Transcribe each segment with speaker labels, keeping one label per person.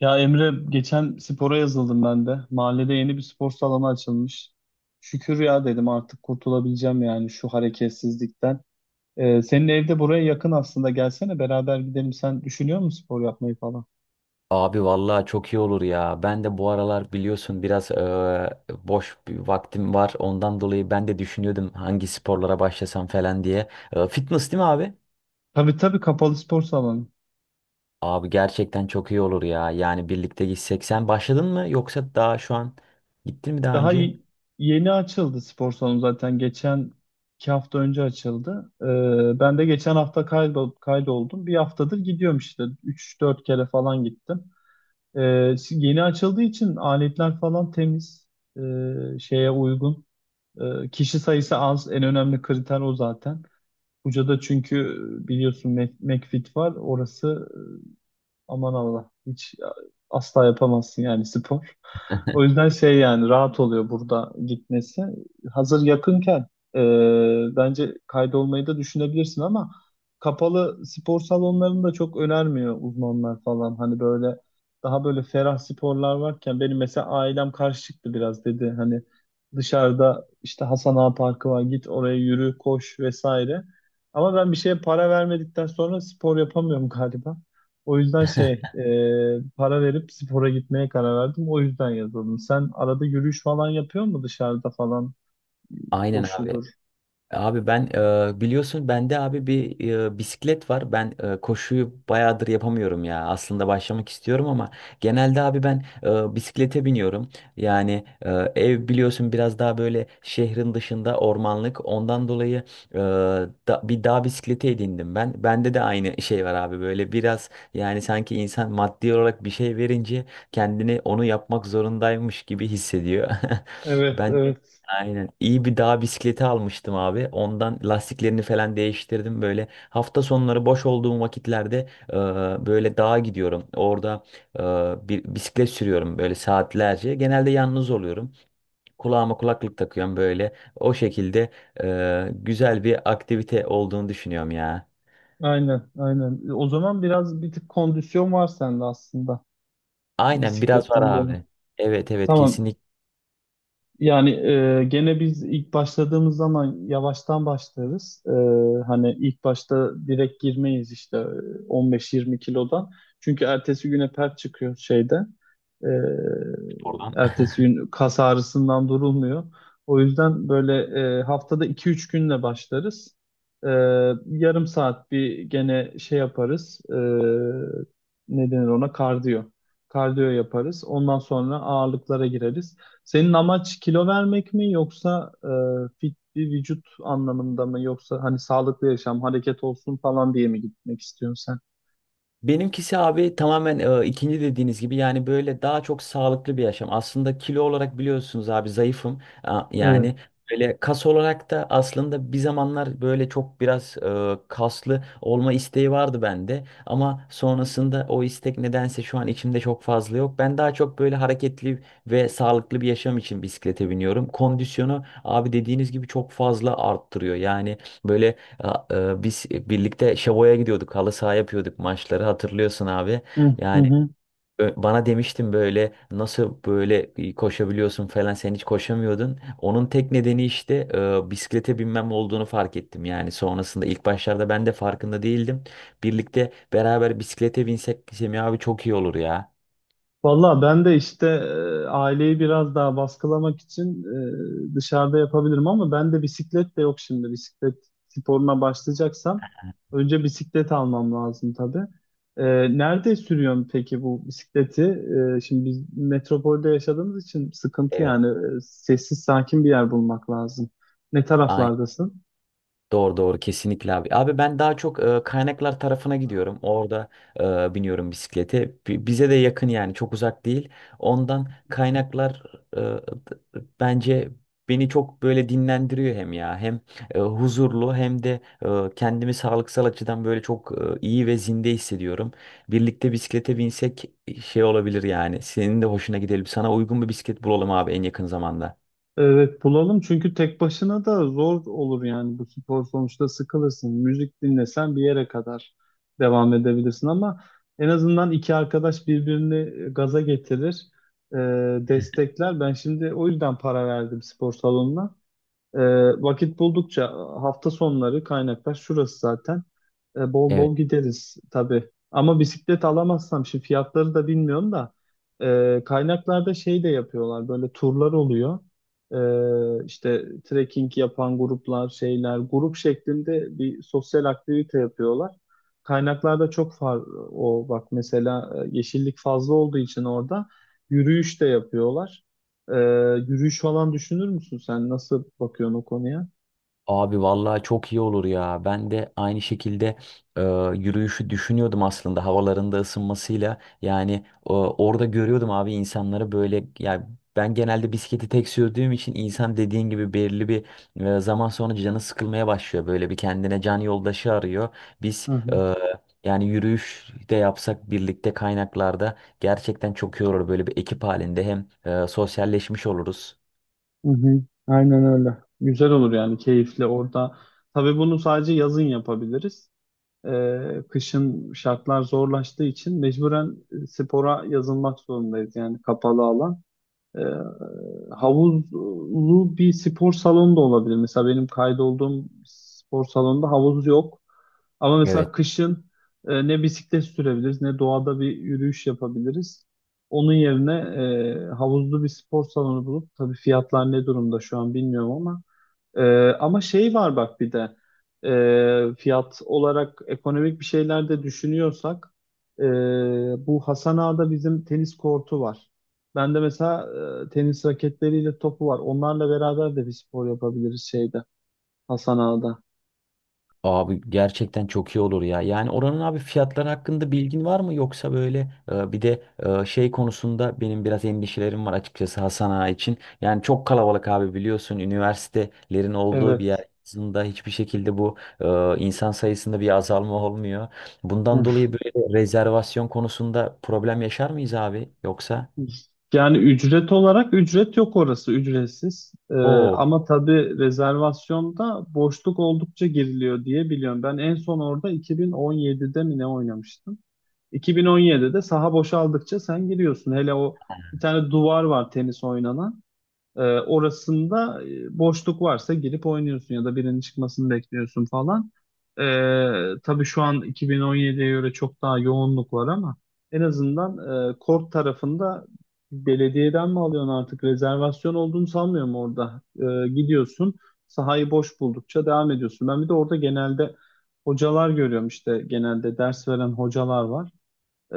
Speaker 1: Ya Emre geçen spora yazıldım ben de. Mahallede yeni bir spor salonu açılmış. Şükür ya dedim artık kurtulabileceğim yani şu hareketsizlikten. Senin evde buraya yakın aslında gelsene beraber gidelim. Sen düşünüyor musun spor yapmayı falan?
Speaker 2: Abi vallahi çok iyi olur ya. Ben de bu aralar biliyorsun biraz boş bir vaktim var. Ondan dolayı ben de düşünüyordum hangi sporlara başlasam falan diye. Fitness değil mi abi?
Speaker 1: Tabii tabii, kapalı spor salonu.
Speaker 2: Abi gerçekten çok iyi olur ya. Yani birlikte gitsek. Sen başladın mı yoksa daha şu an gittin mi daha
Speaker 1: Daha
Speaker 2: önce?
Speaker 1: y- Yeni açıldı spor salonu zaten. Geçen iki hafta önce açıldı. Ben de geçen hafta kaydoldum. Bir haftadır gidiyorum işte. Üç dört kere falan gittim. Şimdi yeni açıldığı için aletler falan temiz, şeye uygun. Kişi sayısı az, en önemli kriter o zaten. Buca'da çünkü biliyorsun McFit var, orası aman Allah. Hiç ya, asla yapamazsın yani spor. O yüzden şey, yani rahat oluyor burada gitmesi. Hazır yakınken bence kaydolmayı da düşünebilirsin ama kapalı spor salonlarını da çok önermiyor uzmanlar falan. Hani böyle daha böyle ferah sporlar varken benim mesela ailem karşı çıktı biraz, dedi hani dışarıda işte Hasan Ağa Parkı var, git oraya yürü koş vesaire. Ama ben bir şeye para vermedikten sonra spor yapamıyorum galiba. O yüzden şey, para verip spora gitmeye karar verdim. O yüzden yazıldım. Sen arada yürüyüş falan yapıyor mu dışarıda falan,
Speaker 2: Aynen abi.
Speaker 1: koşudur?
Speaker 2: Abi ben biliyorsun bende abi bir bisiklet var. Ben koşuyu bayağıdır yapamıyorum ya. Aslında başlamak istiyorum ama genelde abi ben bisiklete biniyorum. Yani ev biliyorsun biraz daha böyle şehrin dışında ormanlık. Ondan dolayı e, bir dağ bisikleti edindim ben. Bende de aynı şey var abi böyle biraz yani sanki insan maddi olarak bir şey verince kendini onu yapmak zorundaymış gibi hissediyor.
Speaker 1: Evet
Speaker 2: Ben
Speaker 1: evet,
Speaker 2: Aynen. İyi bir dağ bisikleti almıştım abi. Ondan lastiklerini falan değiştirdim. Böyle hafta sonları boş olduğum vakitlerde böyle dağa gidiyorum. Orada bir bisiklet sürüyorum böyle saatlerce. Genelde yalnız oluyorum. Kulağıma kulaklık takıyorum böyle. O şekilde güzel bir aktivite olduğunu düşünüyorum ya.
Speaker 1: aynen aynen. O zaman biraz bir tık kondisyon var sende aslında
Speaker 2: Aynen biraz var
Speaker 1: bisikletten dolayı.
Speaker 2: abi. Evet, evet,
Speaker 1: Tamam.
Speaker 2: kesinlikle.
Speaker 1: Yani gene biz ilk başladığımız zaman yavaştan başlarız. E, hani ilk başta direkt girmeyiz işte 15-20 kilodan. Çünkü ertesi güne pert çıkıyor şeyde. E, ertesi gün kas ağrısından durulmuyor. O yüzden böyle haftada iki üç günle başlarız. E, Yarım saat bir gene şey yaparız. E, ne denir ona? Kardiyo. Kardiyo yaparız. Ondan sonra ağırlıklara gireriz. Senin amaç kilo vermek mi, yoksa fit bir vücut anlamında mı, yoksa hani sağlıklı yaşam, hareket olsun falan diye mi gitmek istiyorsun sen?
Speaker 2: Benimkisi abi tamamen ikinci dediğiniz gibi, yani böyle daha çok sağlıklı bir yaşam. Aslında kilo olarak biliyorsunuz abi zayıfım.
Speaker 1: Evet.
Speaker 2: Yani böyle kas olarak da aslında bir zamanlar böyle çok biraz kaslı olma isteği vardı bende. Ama sonrasında o istek nedense şu an içimde çok fazla yok. Ben daha çok böyle hareketli ve sağlıklı bir yaşam için bisiklete biniyorum. Kondisyonu abi dediğiniz gibi çok fazla arttırıyor. Yani böyle ya, biz birlikte Şavo'ya gidiyorduk. Halı saha yapıyorduk maçları. Hatırlıyorsun abi.
Speaker 1: Hı hı,
Speaker 2: Yani
Speaker 1: hı.
Speaker 2: bana demiştin böyle nasıl böyle koşabiliyorsun falan, sen hiç koşamıyordun. Onun tek nedeni işte bisiklete binmem olduğunu fark ettim. Yani sonrasında ilk başlarda ben de farkında değildim. Birlikte beraber bisiklete binsek Semih abi çok iyi olur ya.
Speaker 1: Valla ben de işte aileyi biraz daha baskılamak için dışarıda yapabilirim ama ben de bisiklet de yok şimdi. Bisiklet sporuna başlayacaksam önce bisiklet almam lazım tabii. E, Nerede sürüyorsun peki bu bisikleti? E, şimdi biz metropolde yaşadığımız için sıkıntı
Speaker 2: Evet.
Speaker 1: yani. E, sessiz sakin bir yer bulmak lazım. Ne taraflardasın?
Speaker 2: Doğru, doğru, kesinlikle abi. Abi ben daha çok kaynaklar tarafına gidiyorum. Orada biniyorum bisiklete. Bize de yakın, yani çok uzak değil. Ondan kaynaklar bence beni çok böyle dinlendiriyor hem ya. Hem huzurlu, hem de kendimi sağlıksal açıdan böyle çok iyi ve zinde hissediyorum. Birlikte bisiklete binsek şey olabilir yani. Senin de hoşuna gidelim. Sana uygun bir bisiklet bulalım abi en yakın zamanda.
Speaker 1: Evet, bulalım çünkü tek başına da zor olur yani bu spor, sonuçta sıkılırsın. Müzik dinlesen bir yere kadar devam edebilirsin ama en azından iki arkadaş birbirini gaza getirir, e, destekler. Ben şimdi o yüzden para verdim spor salonuna. E, Vakit buldukça hafta sonları kaynaklar şurası zaten. Bol
Speaker 2: Evet.
Speaker 1: bol gideriz tabii. Ama bisiklet alamazsam, şimdi fiyatları da bilmiyorum da, kaynaklarda şey de yapıyorlar, böyle turlar oluyor. E, işte trekking yapan gruplar, şeyler, grup şeklinde bir sosyal aktivite yapıyorlar. Kaynaklarda çok far, o bak mesela yeşillik fazla olduğu için orada yürüyüş de yapıyorlar. Ee, Yürüyüş falan düşünür müsün sen? Nasıl bakıyorsun o konuya?
Speaker 2: Abi vallahi çok iyi olur ya. Ben de aynı şekilde e, yürüyüşü düşünüyordum aslında havalarında ısınmasıyla. Yani orada görüyordum abi insanları böyle, yani ben genelde bisikleti tek sürdüğüm için insan dediğin gibi belirli bir zaman sonra canı sıkılmaya başlıyor. Böyle bir kendine can yoldaşı arıyor. Biz
Speaker 1: Hı hı,
Speaker 2: yani yürüyüş de yapsak birlikte kaynaklarda gerçekten çok iyi olur. Böyle bir ekip halinde hem sosyalleşmiş oluruz.
Speaker 1: hı hı. Aynen öyle. Güzel olur yani, keyifli orada. Tabii bunu sadece yazın yapabiliriz. Kışın şartlar zorlaştığı için mecburen spora yazılmak zorundayız yani, kapalı alan. Ee, Havuzlu bir spor salonu da olabilir. Mesela benim kaydolduğum spor salonunda havuz yok. Ama
Speaker 2: Evet.
Speaker 1: mesela kışın ne bisiklet sürebiliriz, ne doğada bir yürüyüş yapabiliriz. Onun yerine havuzlu bir spor salonu bulup, tabii fiyatlar ne durumda şu an bilmiyorum ama, ee, ama şey var bak, bir de fiyat olarak ekonomik bir şeyler de düşünüyorsak, ee, bu Hasan Ağa'da bizim tenis kortu var. Ben de mesela tenis raketleriyle topu var. Onlarla beraber de bir spor yapabiliriz şeyde, Hasan Ağa'da.
Speaker 2: Abi gerçekten çok iyi olur ya. Yani oranın abi fiyatları hakkında bilgin var mı, yoksa böyle bir de şey konusunda benim biraz endişelerim var açıkçası Hasan Ağa için. Yani çok kalabalık abi, biliyorsun üniversitelerin olduğu bir
Speaker 1: Evet.
Speaker 2: yer, aslında hiçbir şekilde bu insan sayısında bir azalma olmuyor. Bundan
Speaker 1: Hı.
Speaker 2: dolayı böyle rezervasyon konusunda problem yaşar mıyız abi yoksa?
Speaker 1: Yani ücret olarak ücret yok, orası ücretsiz.
Speaker 2: Oo,
Speaker 1: Ama tabii rezervasyonda boşluk oldukça giriliyor diye biliyorum. Ben en son orada 2017'de mi ne oynamıştım? 2017'de saha boşaldıkça sen giriyorsun. Hele o, bir tane duvar var tenis oynanan. Orasında boşluk varsa girip oynuyorsun, ya da birinin çıkmasını bekliyorsun falan. Tabii şu an 2017'ye göre çok daha yoğunluk var ama en azından kort tarafında belediyeden mi alıyorsun, artık rezervasyon olduğunu sanmıyorum orada. Gidiyorsun, sahayı boş buldukça devam ediyorsun. Ben bir de orada genelde hocalar görüyorum, işte genelde ders veren hocalar var. Ee,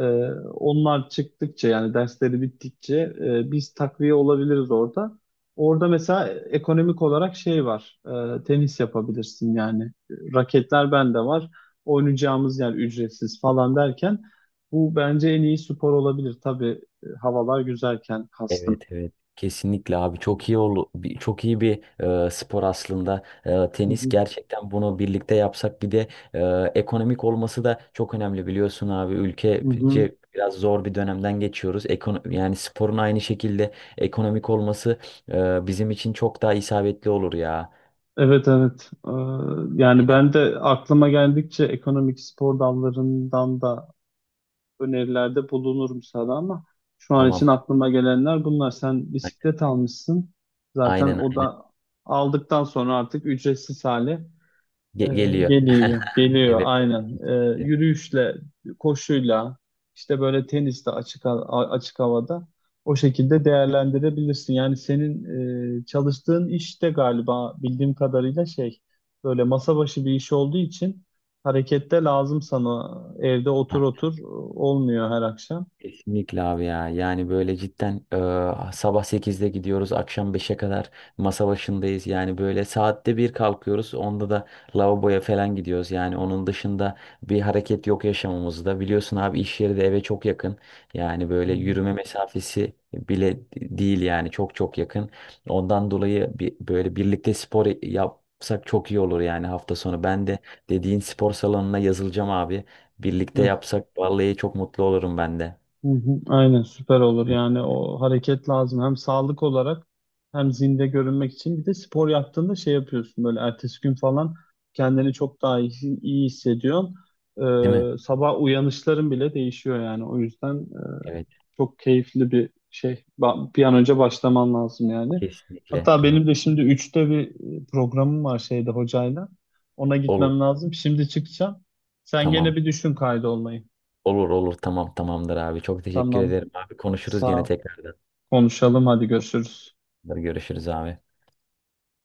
Speaker 1: Onlar çıktıkça, yani dersleri bittikçe, biz takviye olabiliriz orada. Orada mesela ekonomik olarak şey var. Tenis yapabilirsin yani. Raketler bende var. Oynayacağımız yer ücretsiz falan derken, bu bence en iyi spor olabilir. Tabii havalar güzelken
Speaker 2: evet,
Speaker 1: kastım.
Speaker 2: evet, kesinlikle abi, çok iyi bir spor aslında.
Speaker 1: Hı
Speaker 2: Tenis
Speaker 1: hı,
Speaker 2: gerçekten, bunu birlikte yapsak bir de ekonomik olması da çok önemli, biliyorsun abi
Speaker 1: hı hı.
Speaker 2: ülkece biraz zor bir dönemden geçiyoruz. Yani sporun aynı şekilde ekonomik olması bizim için çok daha isabetli olur ya.
Speaker 1: Evet evet. Yani
Speaker 2: Aynen.
Speaker 1: ben de aklıma geldikçe ekonomik spor dallarından da önerilerde bulunurum sana ama şu an
Speaker 2: Tamam.
Speaker 1: için aklıma gelenler bunlar. Sen bisiklet almışsın. Zaten
Speaker 2: Aynen,
Speaker 1: o
Speaker 2: aynen.
Speaker 1: da aldıktan sonra artık ücretsiz hale e,
Speaker 2: Geliyor.
Speaker 1: geliyor. Geliyor
Speaker 2: Evet,
Speaker 1: aynen. E,
Speaker 2: evet.
Speaker 1: yürüyüşle, koşuyla, işte böyle teniste açık açık havada, o şekilde değerlendirebilirsin. Yani senin çalıştığın işte galiba bildiğim kadarıyla şey, böyle masa başı bir iş olduğu için harekette lazım sana. Evde otur olmuyor her akşam.
Speaker 2: Kesinlikle abi ya. Yani böyle cidden sabah 8'de gidiyoruz, akşam 5'e kadar masa başındayız. Yani böyle saatte bir kalkıyoruz. Onda da lavaboya falan gidiyoruz. Yani onun dışında bir hareket yok yaşamımızda. Biliyorsun abi iş yeri de eve çok yakın. Yani
Speaker 1: Hı.
Speaker 2: böyle yürüme mesafesi bile değil, yani çok çok yakın. Ondan dolayı bir, böyle birlikte spor yapsak çok iyi olur yani hafta sonu. Ben de dediğin spor salonuna yazılacağım abi. Birlikte yapsak vallahi çok mutlu olurum ben de.
Speaker 1: Hı hı, aynen süper olur
Speaker 2: Hani.
Speaker 1: yani, o hareket lazım hem sağlık olarak, hem zinde görünmek için. Bir de spor yaptığında şey yapıyorsun, böyle ertesi gün falan kendini çok daha iyi hissediyorsun.
Speaker 2: Değil mi?
Speaker 1: Sabah uyanışların bile değişiyor, yani o yüzden
Speaker 2: Evet,
Speaker 1: çok keyifli bir şey. Bir an önce başlaman lazım yani.
Speaker 2: kesinlikle.
Speaker 1: Hatta
Speaker 2: Ha.
Speaker 1: benim de şimdi üçte bir programım var şeyde, hocayla, ona
Speaker 2: Olur,
Speaker 1: gitmem lazım, şimdi çıkacağım. Sen gene
Speaker 2: tamam.
Speaker 1: bir düşün kaydolmayı.
Speaker 2: Olur, olur, tamam, tamamdır abi. Çok teşekkür
Speaker 1: Tamam,
Speaker 2: ederim abi. Konuşuruz
Speaker 1: sağ
Speaker 2: gene
Speaker 1: ol.
Speaker 2: tekrardan.
Speaker 1: Konuşalım, hadi görüşürüz.
Speaker 2: Görüşürüz abi.